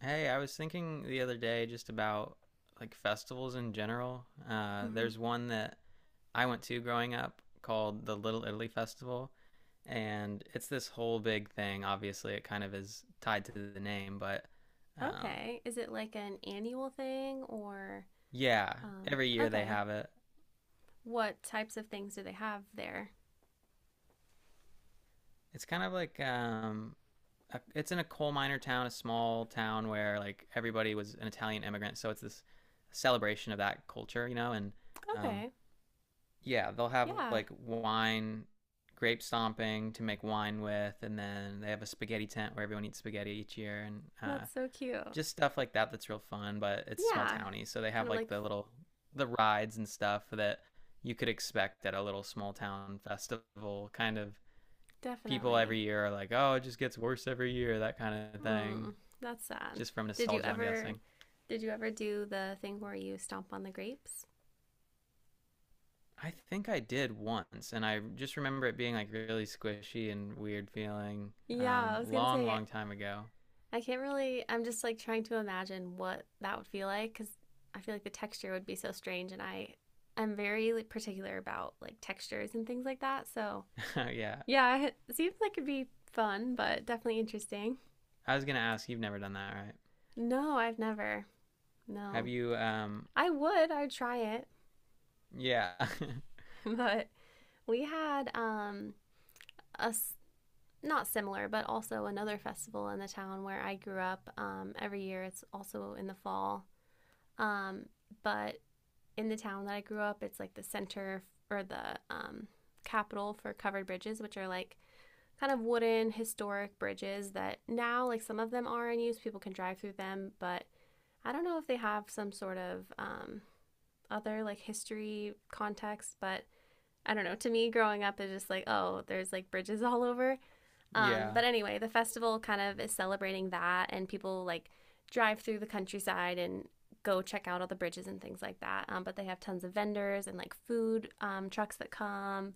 Hey, I was thinking the other day just about like festivals in general. Hmm. There's one that I went to growing up called the Little Italy Festival, and it's this whole big thing. Obviously, it kind of is tied to the name, but um, Okay. Is it like an annual thing or yeah, every year they okay. have it. What types of things do they have there? It's kind of like it's in a coal miner town, a small town where like everybody was an Italian immigrant, so it's this celebration of that culture, and um, Okay. yeah, they'll have Yeah. like wine, grape stomping to make wine with, and then they have a spaghetti tent where everyone eats spaghetti each year, and That's so cute. just stuff like that that's real fun. But it's small Yeah. towny, so they Kind have of like like the rides and stuff that you could expect at a little small town festival. Kind of people definitely. every year are like, oh, it just gets worse every year, that kind of thing, Hmm. That's sad. just from Did you nostalgia, I'm ever guessing. did you ever do the thing where you stomp on the grapes? I think I did once, and I just remember it being like really squishy and weird feeling. Yeah, I was gonna Long, say long time ago. I can't really. I'm just like trying to imagine what that would feel like because I feel like the texture would be so strange, and I'm very like, particular about like textures and things like that. So Yeah. yeah, it seems like it'd be fun, but definitely interesting. I was gonna ask. You've never done that, right? No, I've never. Have No, you? I would. I'd try it, Yeah, but we had a not similar, but also another festival in the town where I grew up. Every year, it's also in the fall. Um, but in the town that I grew up, it's like the center or the capital for covered bridges, which are like kind of wooden historic bridges that now, like some of them are in use, people can drive through them, but I don't know if they have some sort of other like history context, but I don't know. To me, growing up, it's just like, oh, there's like bridges all over. Um, yeah. but anyway, the festival kind of is celebrating that, and people like drive through the countryside and go check out all the bridges and things like that. But they have tons of vendors and like food trucks that come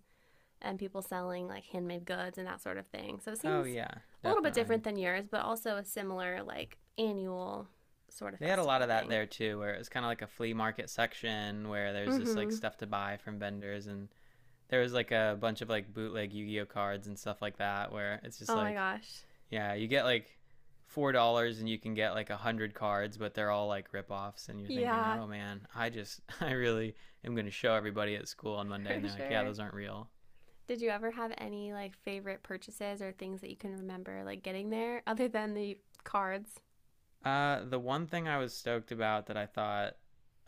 and people selling like handmade goods and that sort of thing. So it Oh seems yeah, a little bit different definitely. than yours, but also a similar like annual sort of They had a lot festival of that thing. there too, where it was kind of like a flea market section where there's Mm just like hmm. stuff to buy from vendors, and there was like a bunch of like bootleg Yu-Gi-Oh cards and stuff like that, where it's just Oh my like, gosh. yeah, you get like $4 and you can get like 100 cards, but they're all like ripoffs, and you're thinking, Yeah, oh man, I just I really am gonna show everybody at school on Monday, and for they're like, yeah, sure. those aren't real. Did you ever have any like favorite purchases or things that you can remember like getting there other than the cards? The one thing I was stoked about that I thought,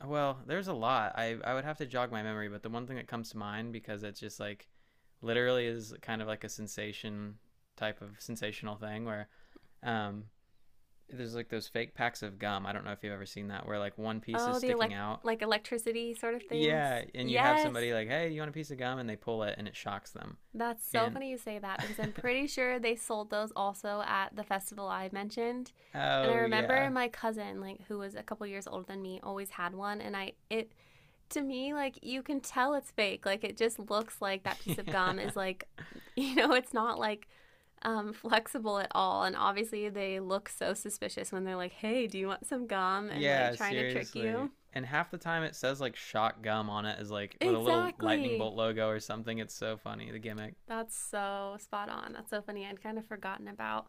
well, there's a lot. I would have to jog my memory, but the one thing that comes to mind because it's just like, literally is kind of like a sensation type of sensational thing where, um, there's like those fake packs of gum. I don't know if you've ever seen that, where like one piece Oh, is the sticking out. Electricity sort of things. Yeah, and you have Yes. somebody like, "Hey, you want a piece of gum?" and they pull it and it shocks them. That's so And funny you say that because I'm pretty sure they sold those also at the festival I mentioned. And I oh remember yeah. my cousin, like who was a couple years older than me, always had one and I it to me like you can tell it's fake. Like it just looks like that piece of gum is like, it's not like flexible at all. And obviously, they look so suspicious when they're like, "Hey, do you want some gum?" And like Yeah, trying to trick seriously. you. And half the time it says like shock gum on it is like with a little lightning Exactly. bolt logo or something. It's so funny, the gimmick. That's so spot on. That's so funny. I'd kind of forgotten about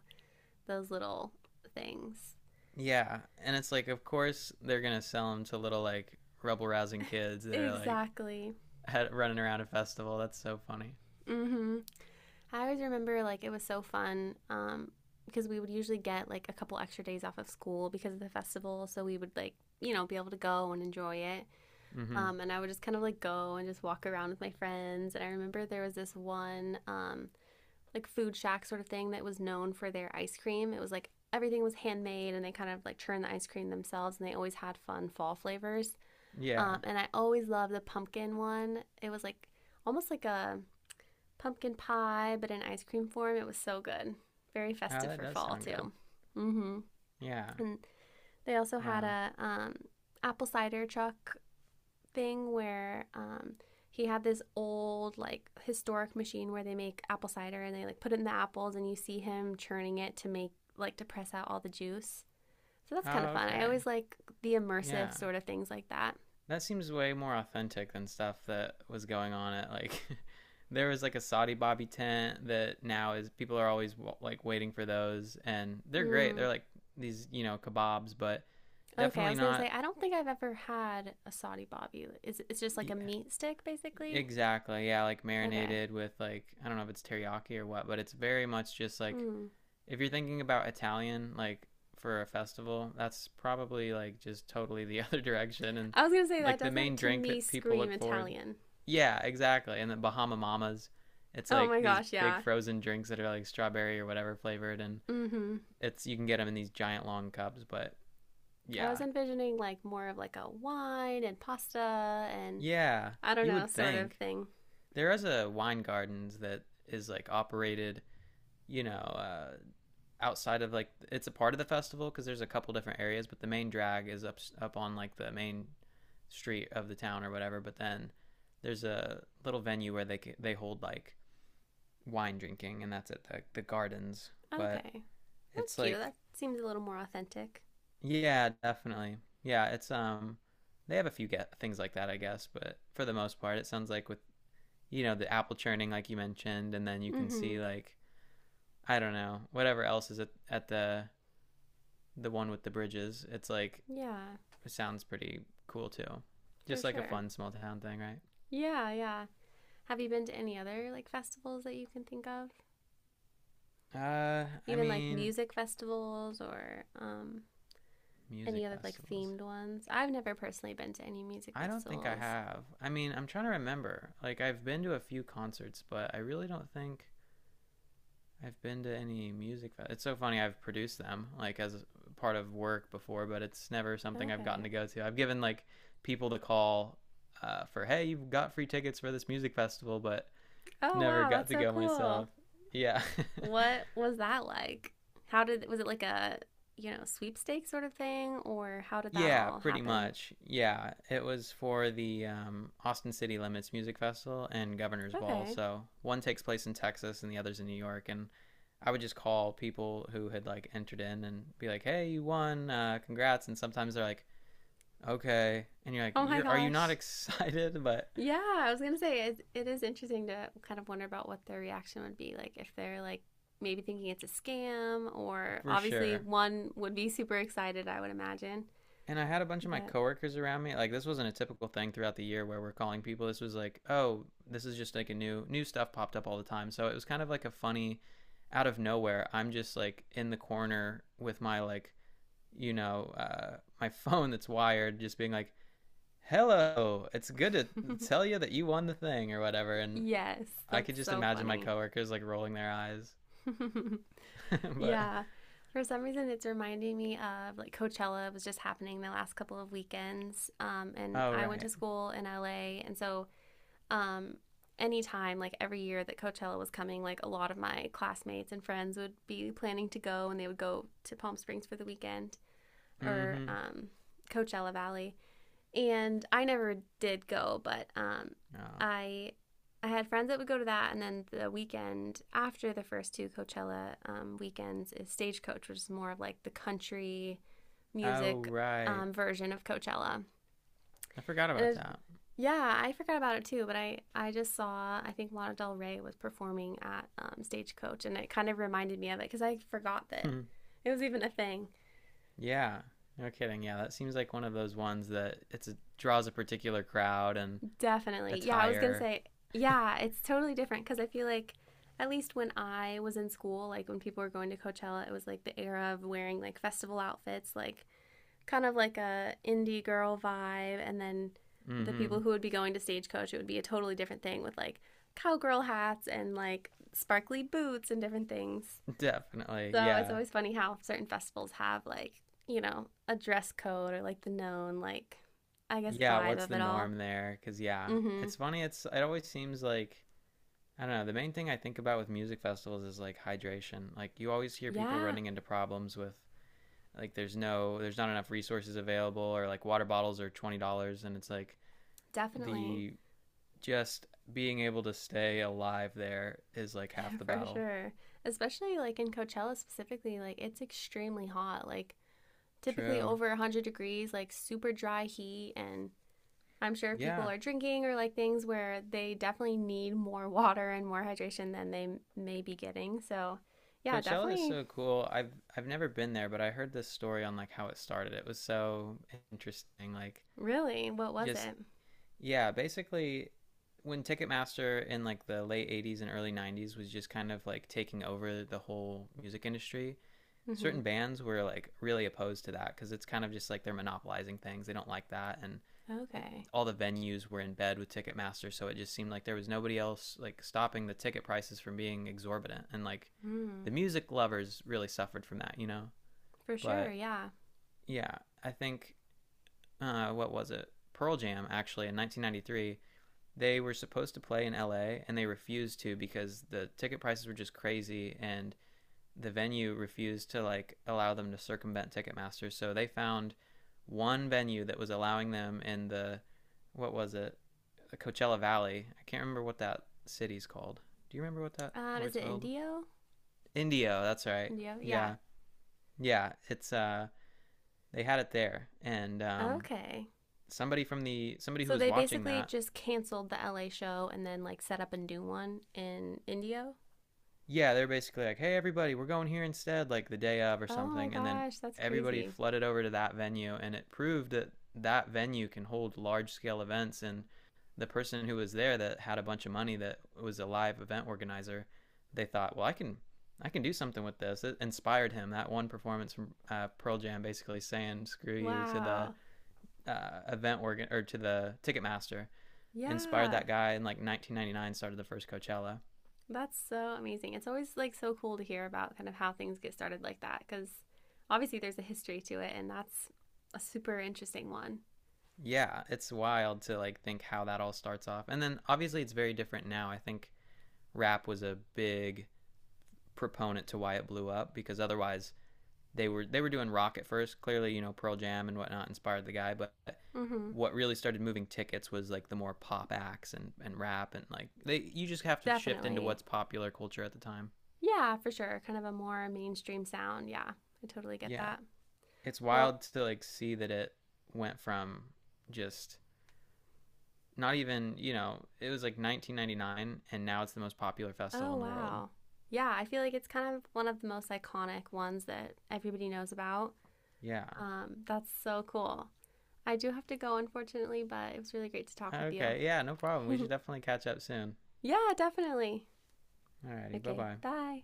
those little things. Yeah, and it's like of course they're going to sell them to little like rebel rousing kids that are like Exactly. had, running around a festival. That's so funny. Mm-hmm. I always remember like it was so fun because we would usually get like a couple extra days off of school because of the festival. So we would like, be able to go and enjoy it. Mhm. And I would just kind of like go and just walk around with my friends. And I remember there was this one like food shack sort of thing that was known for their ice cream. It was like everything was handmade and they kind of like churned the ice cream themselves and they always had fun fall flavors. Yeah. And I always loved the pumpkin one. It was like almost like a pumpkin pie, but in ice cream form. It was so good. Very Oh, festive that for does fall sound good. too. Hmm. Yeah. And they also had Wow. a apple cider truck thing where he had this old like historic machine where they make apple cider and they like put it in the apples and you see him churning it to make to press out all the juice. So that's kind of Oh, fun. I okay. always like the immersive Yeah. sort of things like that. That seems way more authentic than stuff that was going on at like there was like a Saudi Bobby tent that now is people are always like waiting for those and they're great. Mm. They're like these, you know, kebabs, but Okay, I definitely was gonna say not I don't think I've ever had a Saudi bobby. It's just like y- a meat stick basically. exactly. Yeah, like Okay. marinated with like I don't know if it's teriyaki or what, but it's very much just like Mm. if you're thinking about Italian, like for a festival, that's probably like just totally the other direction. And I was gonna say that like the doesn't main to drink me that people scream look forward, Italian. yeah, exactly. And the Bahama Mamas, it's Oh like my these gosh, big yeah. frozen drinks that are like strawberry or whatever flavored, and Mm-hmm. it's you can get them in these giant long cups. But I yeah, was envisioning like more of like a wine and pasta and yeah, I don't you know would sort of think thing. there is a wine gardens that is like operated, you know, outside of like it's a part of the festival because there's a couple different areas, but the main drag is up on like the main street of the town or whatever. But then there's a little venue where they hold like wine drinking, and that's at the gardens. But Okay. That's it's cute. That like, seems a little more authentic. yeah, definitely, yeah. It's they have a few get things like that, I guess. But for the most part, it sounds like with, you know, the apple churning like you mentioned, and then you can Mhm. see like, I don't know, whatever else is at at the one with the bridges. It's like Yeah, it sounds pretty cool too. for Just like a sure. fun small town thing, right? Yeah, yeah. Have you been to any other like festivals that you can think of? I Even like mean, music festivals or any music other like festivals. themed ones? I've never personally been to any music I don't think I festivals. have. I mean, I'm trying to remember. Like I've been to a few concerts, but I really don't think I've been to any music. It's so funny. I've produced them like as part of work before, but it's never something I've gotten Okay. to go to. I've given like people to call for, hey, you've got free tickets for this music festival, but Oh, never wow, got that's to so go cool. myself. Yeah. What was that like? How did was it like a sweepstakes sort of thing, or how did that Yeah, all pretty happen? much. Yeah, it was for the Austin City Limits Music Festival and Governor's Ball. Okay. So one takes place in Texas and the other's in New York. And I would just call people who had like entered in and be like, "Hey, you won! Congrats!" And sometimes they're like, "Okay," and you're like, Oh my "You're are you not gosh. excited?" But Yeah, I was gonna say it is interesting to kind of wonder about what their reaction would be like if they're like maybe thinking it's a scam, or for obviously sure, one would be super excited, I would imagine. and I had a bunch of my But coworkers around me. Like this wasn't a typical thing throughout the year where we're calling people. This was like, oh, this is just like a new stuff popped up all the time. So it was kind of like a funny out of nowhere. I'm just like in the corner with my like, you know, my phone that's wired, just being like, hello, it's good to tell you that you won the thing or whatever. And yes, I could that's just so imagine my funny. coworkers like rolling their eyes. But Yeah. For some reason, it's reminding me of like Coachella was just happening the last couple of weekends. And oh I went to right, school in LA. And so, um, anytime, like every year that Coachella was coming, like a lot of my classmates and friends would be planning to go and they would go to Palm Springs for the weekend or mm-hmm, Coachella Valley and I never did go, but oh, I I had friends that would go to that, and then the weekend after the first two Coachella weekends is Stagecoach, which is more of like the country oh music right, version of Coachella. I forgot And about that. yeah, I forgot about it too, but I just saw I think Lana Del Rey was performing at Stagecoach, and it kind of reminded me of it because I forgot that Hmm. it was even a thing. Yeah, no kidding. Yeah, that seems like one of those ones that it's draws a particular crowd and Definitely. Yeah, I was going to attire. say, yeah, it's totally different because I feel like at least when I was in school, like when people were going to Coachella, it was like the era of wearing like festival outfits, like kind of like a indie girl vibe and then the Mm-hmm. people who would be going to Stagecoach, it would be a totally different thing with like cowgirl hats and like sparkly boots and different things. Definitely. So it's Yeah. always funny how certain festivals have like, a dress code or like the known like I guess Yeah, vibe what's of the it all. norm there? Cuz yeah, Mhm. it's funny. It's it always seems like, I don't know, the main thing I think about with music festivals is like hydration. Like you always hear people Yeah. running into problems with like there's no there's not enough resources available or like water bottles are $20 and it's like Definitely, the just being able to stay alive there is like half the for battle. sure. Especially like in Coachella specifically, like it's extremely hot, like typically True. over 100 degrees, like super dry heat. And I'm sure Yeah. people are drinking or like things where they definitely need more water and more hydration than they m- may be getting. So, yeah, Coachella is definitely. so cool. I've never been there, but I heard this story on like how it started. It was so interesting. Like Really, what was just it? yeah, basically, when Ticketmaster in like the late 80s and early 90s was just kind of like taking over the whole music industry, Hmm. certain bands were like really opposed to that because it's kind of just like they're monopolizing things. They don't like that. And it, Okay. all the venues were in bed with Ticketmaster. So it just seemed like there was nobody else like stopping the ticket prices from being exorbitant. And like Mm, the music lovers really suffered from that, you know? for sure, But yeah. yeah, I think, what was it? Pearl Jam actually in 1993 they were supposed to play in LA and they refused to because the ticket prices were just crazy and the venue refused to like allow them to circumvent Ticketmaster. So they found one venue that was allowing them in the what was it? The Coachella Valley. I can't remember what that city's called. Do you remember what that where Is it's it held? Indio? Indio, that's right. Indio? Yeah. Yeah. Yeah, it's they had it there and Okay. somebody from the somebody who So was they watching basically that. just canceled the LA show and then like set up a new one in Indio. Yeah, they're basically like, "Hey, everybody, we're going here instead," like the day of or Oh my something, and then gosh, that's everybody crazy. flooded over to that venue, and it proved that that venue can hold large-scale events. And the person who was there that had a bunch of money, that was a live event organizer, they thought, "Well, I can do something with this." It inspired him. That one performance from Pearl Jam, basically saying "screw you" to the Wow. Event organ or to the Ticketmaster, inspired Yeah. that guy in like 1999. Started the first Coachella. That's so amazing. It's always like so cool to hear about kind of how things get started like that because obviously there's a history to it and that's a super interesting one. Yeah, it's wild to like think how that all starts off. And then obviously it's very different now. I think rap was a big proponent to why it blew up because otherwise they were doing rock at first. Clearly, you know, Pearl Jam and whatnot inspired the guy, but Mhm. what really started moving tickets was like the more pop acts and rap and like they you just have to shift into Definitely. what's popular culture at the time. Yeah, for sure. Kind of a more mainstream sound. Yeah. I totally get Yeah. that. It's Well, wild to like see that it went from just not even, you know, it was like 1999 and now it's the most popular festival oh, in the world. wow. Yeah, I feel like it's kind of one of the most iconic ones that everybody knows about. Yeah, That's so cool. I do have to go, unfortunately, but it was really great to talk with you. okay, yeah, no problem. We should definitely catch up soon. Yeah, definitely. Alrighty, Okay, bye-bye. bye.